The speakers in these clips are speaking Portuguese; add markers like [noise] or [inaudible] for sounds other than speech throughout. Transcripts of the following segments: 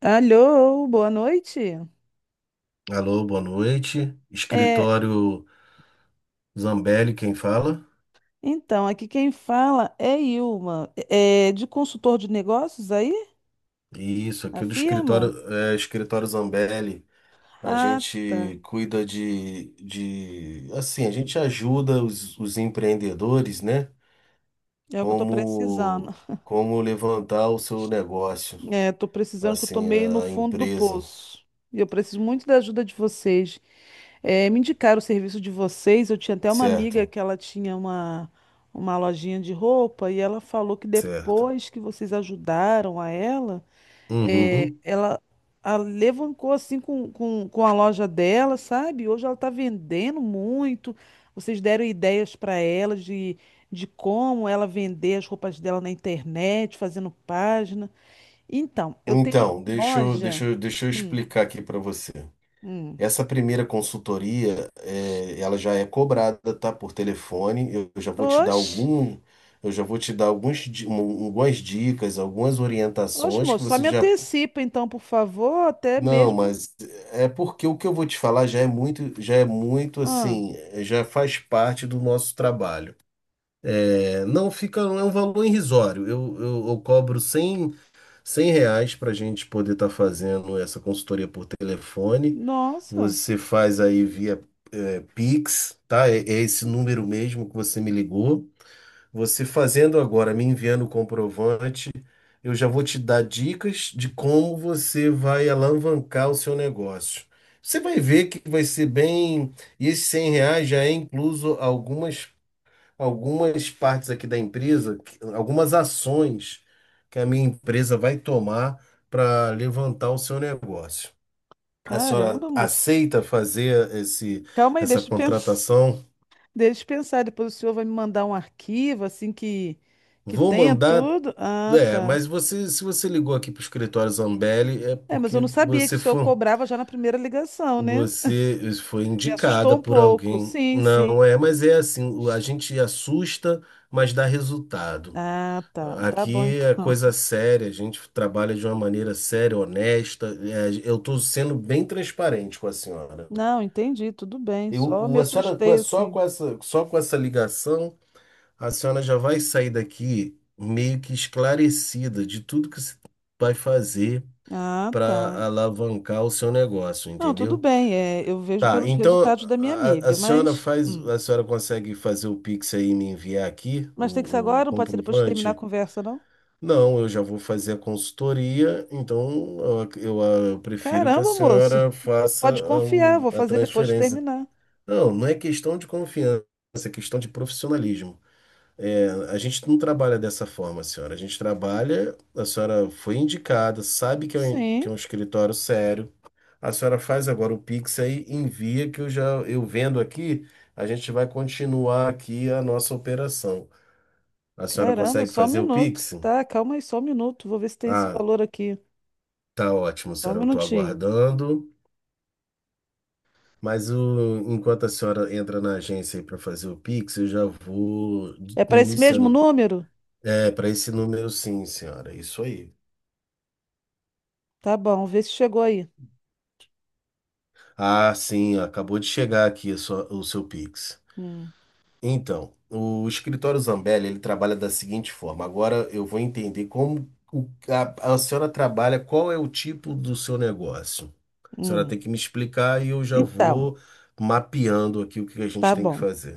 Alô, boa noite. Alô, boa noite. É, Escritório Zambelli, quem fala? então, aqui quem fala é Ilma, é de consultor de negócios aí, Isso, a aqui do escritório, firma? é, escritório Zambelli. A Ah, tá. gente cuida de, a gente ajuda os empreendedores, né? É o que eu tô precisando. Como, como levantar o seu negócio, É, tô precisando que eu tô assim, meio no a fundo do empresa, poço. E eu preciso muito da ajuda de vocês. É, me indicaram o serviço de vocês. Eu tinha até uma amiga certo? que ela tinha uma lojinha de roupa e ela falou que Certo. depois que vocês ajudaram a ela. É, Uhum. ela alavancou assim com a loja dela, sabe? Hoje ela está vendendo muito. Vocês deram ideias para ela de como ela vender as roupas dela na internet, fazendo página. Então, eu tenho uma Então, deixa eu, deixa loja. eu, deixa eu Hum, explicar aqui para você. hum. Essa primeira consultoria, ela já é cobrada, tá? Por telefone. Eu já vou te dar Oxe, eu já vou te dar alguns, di- um- algumas dicas, algumas orientações que moço, só você me já. antecipa então, por favor, até Não, mesmo. mas é porque o que eu vou te falar já é muito Ah, assim, já faz parte do nosso trabalho. É, não fica, é um valor irrisório. Eu cobro 100 reais para a gente poder estar fazendo essa consultoria por telefone. nossa, Você faz aí via Pix, tá? É, é esse número mesmo que você me ligou. Você fazendo agora, me enviando o comprovante, eu já vou te dar dicas de como você vai alavancar o seu negócio. Você vai ver que vai ser bem. E esses 100 reais já é incluso algumas partes aqui da empresa, algumas ações que a minha empresa vai tomar para levantar o seu negócio. A senhora caramba, moço. aceita fazer Calma aí, essa deixa eu pensar. contratação? Deixa eu pensar, depois o senhor vai me mandar um arquivo assim que Vou tenha mandar. tudo. Ah, É, tá. mas você, se você ligou aqui para o escritório Zambelli, é É, mas porque eu não sabia que o senhor cobrava já na primeira ligação, né? você foi [laughs] Me assustou indicada um por pouco. alguém. Sim, sim. Não é, mas é assim, a gente assusta, mas dá resultado. Ah, tá. Tá bom Aqui é então. coisa [laughs] séria, a gente trabalha de uma maneira séria, honesta. É, eu estou sendo bem transparente com a senhora. Não, entendi, tudo bem. Só me A senhora, com assustei a- assim. Só com essa ligação, a senhora já vai sair daqui meio que esclarecida de tudo que você vai fazer Ah, tá. para alavancar o seu negócio, Não, tudo entendeu? bem. É, eu vejo Tá, pelos então resultados da minha a amiga, senhora mas faz, hum. a senhora consegue fazer o Pix aí e me enviar aqui Mas tem que ser o agora, não pode ser depois que terminar a comprovante? conversa, não? Não, eu já vou fazer a consultoria, então eu, ac- eu, ah, eu prefiro que a Caramba, moço. senhora faça Pode confiar, vou a fazer depois que transferência. terminar. Não, não é questão de confiança, é questão de profissionalismo. É, a gente não trabalha dessa forma, senhora. A gente trabalha, a senhora foi indicada, sabe que Sim. é um escritório sério. A senhora faz agora o Pix aí, envia que eu já eu vendo aqui, a gente vai continuar aqui a nossa operação. A senhora Caramba, consegue só um fazer o minuto. Pix? Tá, calma aí, só um minuto. Vou ver se tem esse Ah, valor aqui. tá ótimo, Só um senhora. Eu estou minutinho. aguardando. Mas enquanto a senhora entra na agência aí para fazer o Pix, eu já vou É para esse mesmo iniciando. número? É, para esse número, sim, senhora. Isso aí. Tá bom, vê se chegou aí. Ah, sim, acabou de chegar aqui a o seu Pix. Hum, Então, o escritório Zambelli, ele trabalha da seguinte forma. Agora eu vou entender a senhora trabalha, qual é o tipo do seu negócio. A senhora hum. tem que me explicar e eu já Então, vou mapeando aqui o que a gente tá tem que bom. fazer.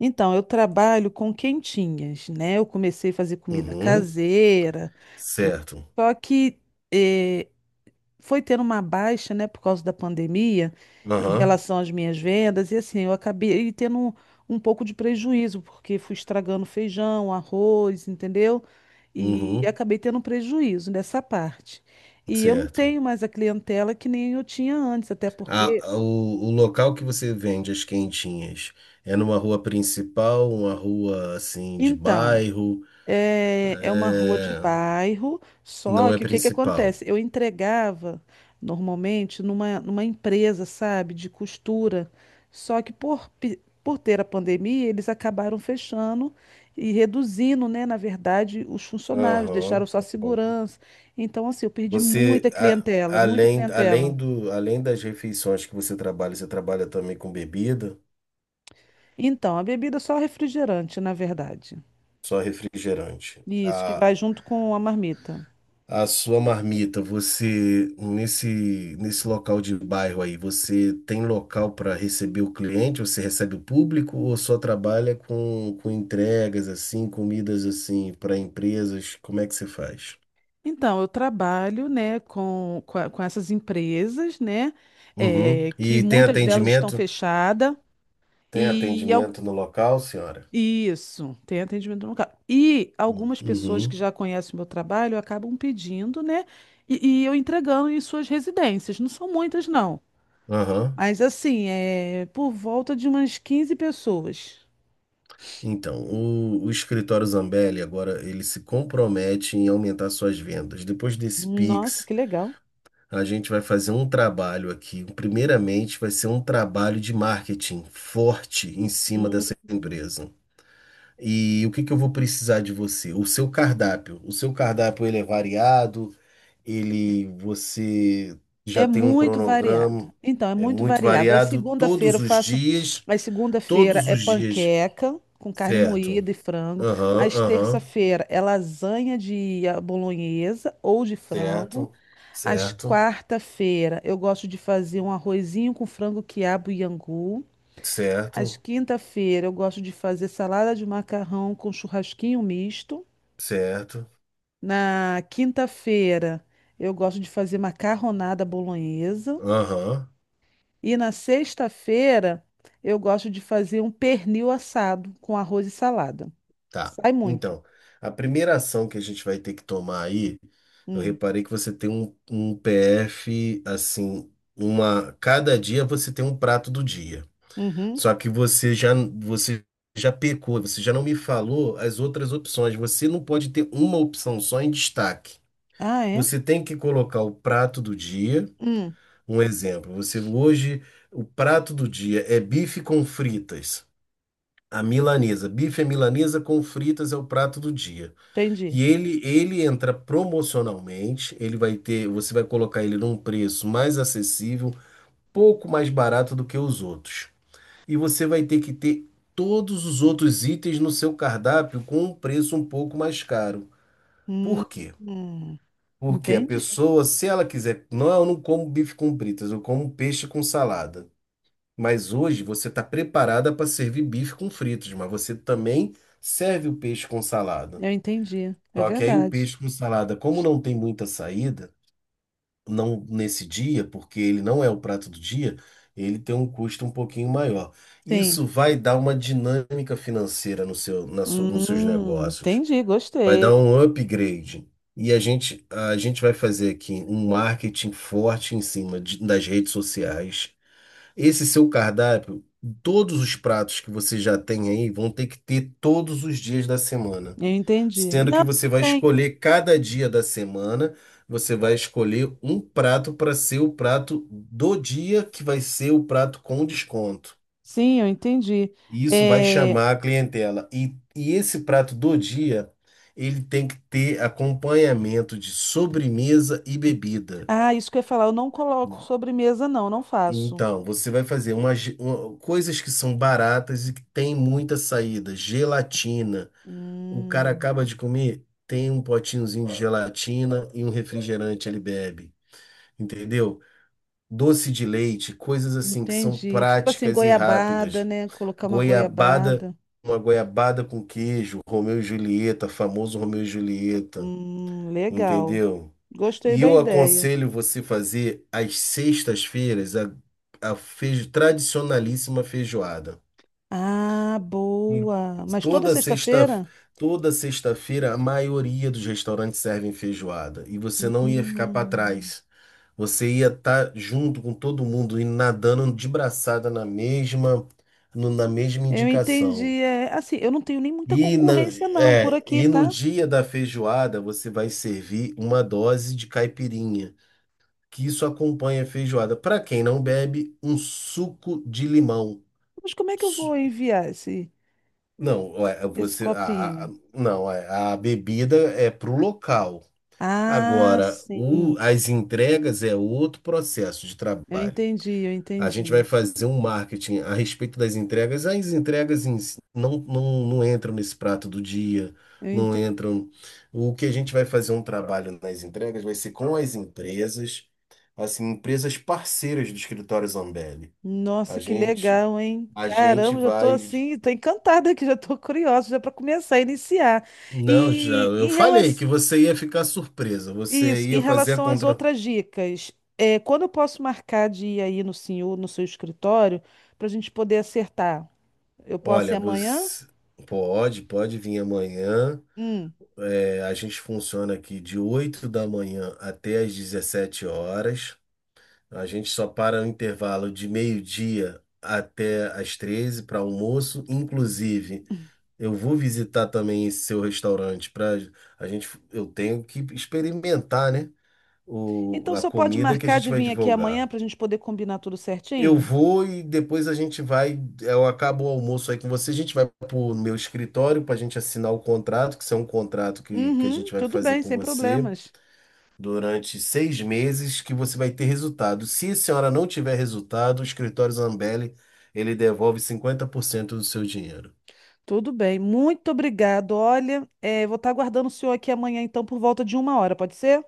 Então, eu trabalho com quentinhas, né? Eu comecei a fazer comida Uhum. caseira, tudo. Certo. Só que eh, foi tendo uma baixa, né, por causa da pandemia, em Aham. relação às minhas vendas, e assim, eu acabei tendo um pouco de prejuízo, porque fui estragando feijão, arroz, entendeu? E Uhum. acabei tendo um prejuízo nessa parte. E eu não Certo. tenho mais a clientela que nem eu tinha antes, até porque. O local que você vende as quentinhas é numa rua principal, uma rua assim de Então, bairro? é, é uma rua de É, bairro, não só é que o que que acontece? principal. Eu entregava normalmente numa empresa, sabe, de costura. Só que por ter a pandemia, eles acabaram fechando e reduzindo, né, na verdade, os funcionários, deixaram Aham. só a Aham. segurança. Então, assim, eu perdi Você, muita clientela, muita além clientela. Além das refeições que você trabalha também com bebida? Então, a bebida é só refrigerante, na verdade. Só refrigerante. Isso, que A, vai junto com a marmita. a sua marmita, você nesse local de bairro aí, você tem local para receber o cliente? Você recebe o público ou só trabalha com entregas assim, comidas assim para empresas? Como é que você faz? Então, eu trabalho, né, com essas empresas, né, Uhum. é, que E tem muitas delas estão atendimento? fechadas Tem e atendimento no local, senhora? isso, tem atendimento no carro. E algumas pessoas que Uhum. já conhecem o meu trabalho acabam pedindo, né, e eu entregando em suas residências. Não são muitas, não. Aham. Mas assim, é por volta de umas 15 pessoas. Então, o escritório Zambelli agora ele se compromete em aumentar suas vendas. Depois desse Nossa, Pix que legal. a gente vai fazer um trabalho aqui. Primeiramente, vai ser um trabalho de marketing forte em cima dessa empresa. E o que que eu vou precisar de você? O seu cardápio. O seu cardápio ele é variado, ele você já É tem um muito variado. cronograma, Então, é é muito muito variado. Aí variado segunda-feira eu faço. Aí segunda-feira todos é os dias, panqueca com carne certo? moída e frango. Aham, Às aham, terça-feira é lasanha de bolonhesa ou de frango. certo, Às certo, quarta-feira eu gosto de fazer um arrozinho com frango, quiabo e angu. Às certo, quinta-feira eu gosto de fazer salada de macarrão com churrasquinho misto. certo, Na quinta-feira eu gosto de fazer macarronada bolonhesa. aham. E na sexta-feira eu gosto de fazer um pernil assado com arroz e salada. Tá. Sai muito. Então, a primeira ação que a gente vai ter que tomar aí, eu Hum. reparei que você tem um PF, assim, uma, cada dia você tem um prato do dia. Uhum. Só que você já pecou, você já não me falou as outras opções. Você não pode ter uma opção só em destaque. Ah, é? Você tem que colocar o prato do dia. Hum. Um exemplo, você hoje, o prato do dia é bife com fritas. A milanesa. Bife é milanesa com fritas é o prato do dia. Entendi. E ele entra promocionalmente, ele vai ter, você vai colocar ele num preço mais acessível, pouco mais barato do que os outros. E você vai ter que ter todos os outros itens no seu cardápio com um preço um pouco mais caro. Hum. Por quê? Hum. Porque a Entendi. pessoa, se ela quiser, não, eu não como bife com fritas, eu como peixe com salada. Mas hoje você está preparada para servir bife com fritas, mas você também serve o peixe com salada. Eu entendi. É Só que aí o verdade. peixe com salada, como não tem muita saída, não nesse dia, porque ele não é o prato do dia, ele tem um custo um pouquinho maior. Sim. Isso vai dar uma dinâmica financeira no seu, Hum. nos seus negócios. Entendi. Vai dar Gostei. um upgrade. E a gente vai fazer aqui um marketing forte em cima das redes sociais. Esse seu cardápio, todos os pratos que você já tem aí vão ter que ter todos os dias da semana Eu entendi. sendo que Não, você vai tem. escolher cada dia da semana, você vai escolher um prato para ser o prato do dia, que vai ser o prato com desconto. Sim, eu entendi. E isso vai É... chamar a clientela. E esse prato do dia, ele tem que ter acompanhamento de sobremesa e bebida. Ah, isso que eu ia falar, eu não coloco sobremesa, não, não faço. Então, você vai fazer coisas que são baratas e que tem muita saída, gelatina. O cara Hum. acaba de comer, tem um potinhozinho de gelatina e um refrigerante ele bebe, entendeu? Doce de leite, coisas assim que são Entendi. Tipo assim, práticas e goiabada, rápidas. né? Colocar uma Goiabada, goiabada. uma goiabada com queijo, Romeu e Julieta, famoso Romeu e Julieta, Legal. entendeu? Gostei E da eu ideia. aconselho você fazer às sextas-feiras a tradicionalíssima feijoada. Ah, E boa. Mas toda toda sexta, sexta-feira? toda sexta-feira, a maioria dos restaurantes servem feijoada. E você não ia ficar para Hum, trás. Você ia estar junto com todo mundo, indo nadando de braçada na mesma, no- na mesma eu indicação. entendi. É, assim, eu não tenho nem muita E, na- concorrência não por aqui, e no tá? dia da feijoada, você vai servir uma dose de caipirinha, que isso acompanha a feijoada. Para quem não bebe, um suco de limão. Mas como é que eu vou enviar Não, é, esse você, a- copinho? não, é, a bebida é para o local. Ah, Agora, sim. As entregas é outro processo de trabalho. Eu A gente vai entendi. fazer um marketing a respeito das entregas. As entregas em si não entram nesse prato do dia, Eu não entendi. entram. O que a gente vai fazer um trabalho nas entregas vai ser com as empresas, assim, empresas parceiras do escritório Zambelli. A Nossa, que gente, legal, hein? a gente Caramba, já tô vai. assim, tô encantada aqui, já tô curiosa, já para começar a iniciar. Não, já, E eu em falei relação, que você ia ficar surpresa. Você isso, em ia fazer a relação às contra. outras dicas, é, quando eu posso marcar de ir aí no senhor, no seu escritório, para a gente poder acertar? Eu posso ir Olha, amanhã? você pode vir amanhã. Hum. É, a gente funciona aqui de 8 da manhã até às 17 horas. A gente só para o intervalo de meio-dia até às 13 para almoço. Inclusive, eu vou visitar também esse seu restaurante para a gente. Eu tenho que experimentar, né? Então A só pode comida que a marcar gente de vai vir aqui amanhã divulgar. para a gente poder combinar tudo Eu certinho? vou e depois a gente vai. Eu acabo o almoço aí com você. A gente vai pro meu escritório para a gente assinar o contrato, que isso é um contrato que a Uhum, gente vai tudo fazer bem, com sem você problemas. durante 6 meses, que você vai ter resultado. Se a senhora não tiver resultado, o escritório Zambelli, ele devolve 50% do seu dinheiro. Tudo bem, muito obrigado. Olha, vou estar aguardando o senhor aqui amanhã, então, por volta de uma hora, pode ser?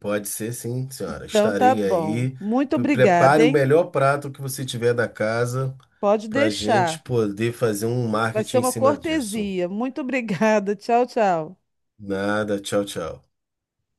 Pode ser sim, senhora. Então tá Estarei bom. aí. Muito obrigada, Prepare o hein? melhor prato que você tiver da casa Pode para a gente deixar. poder fazer um Vai ser marketing em uma cima disso. cortesia. Muito obrigada. [laughs] Tchau, tchau. Nada, tchau, tchau.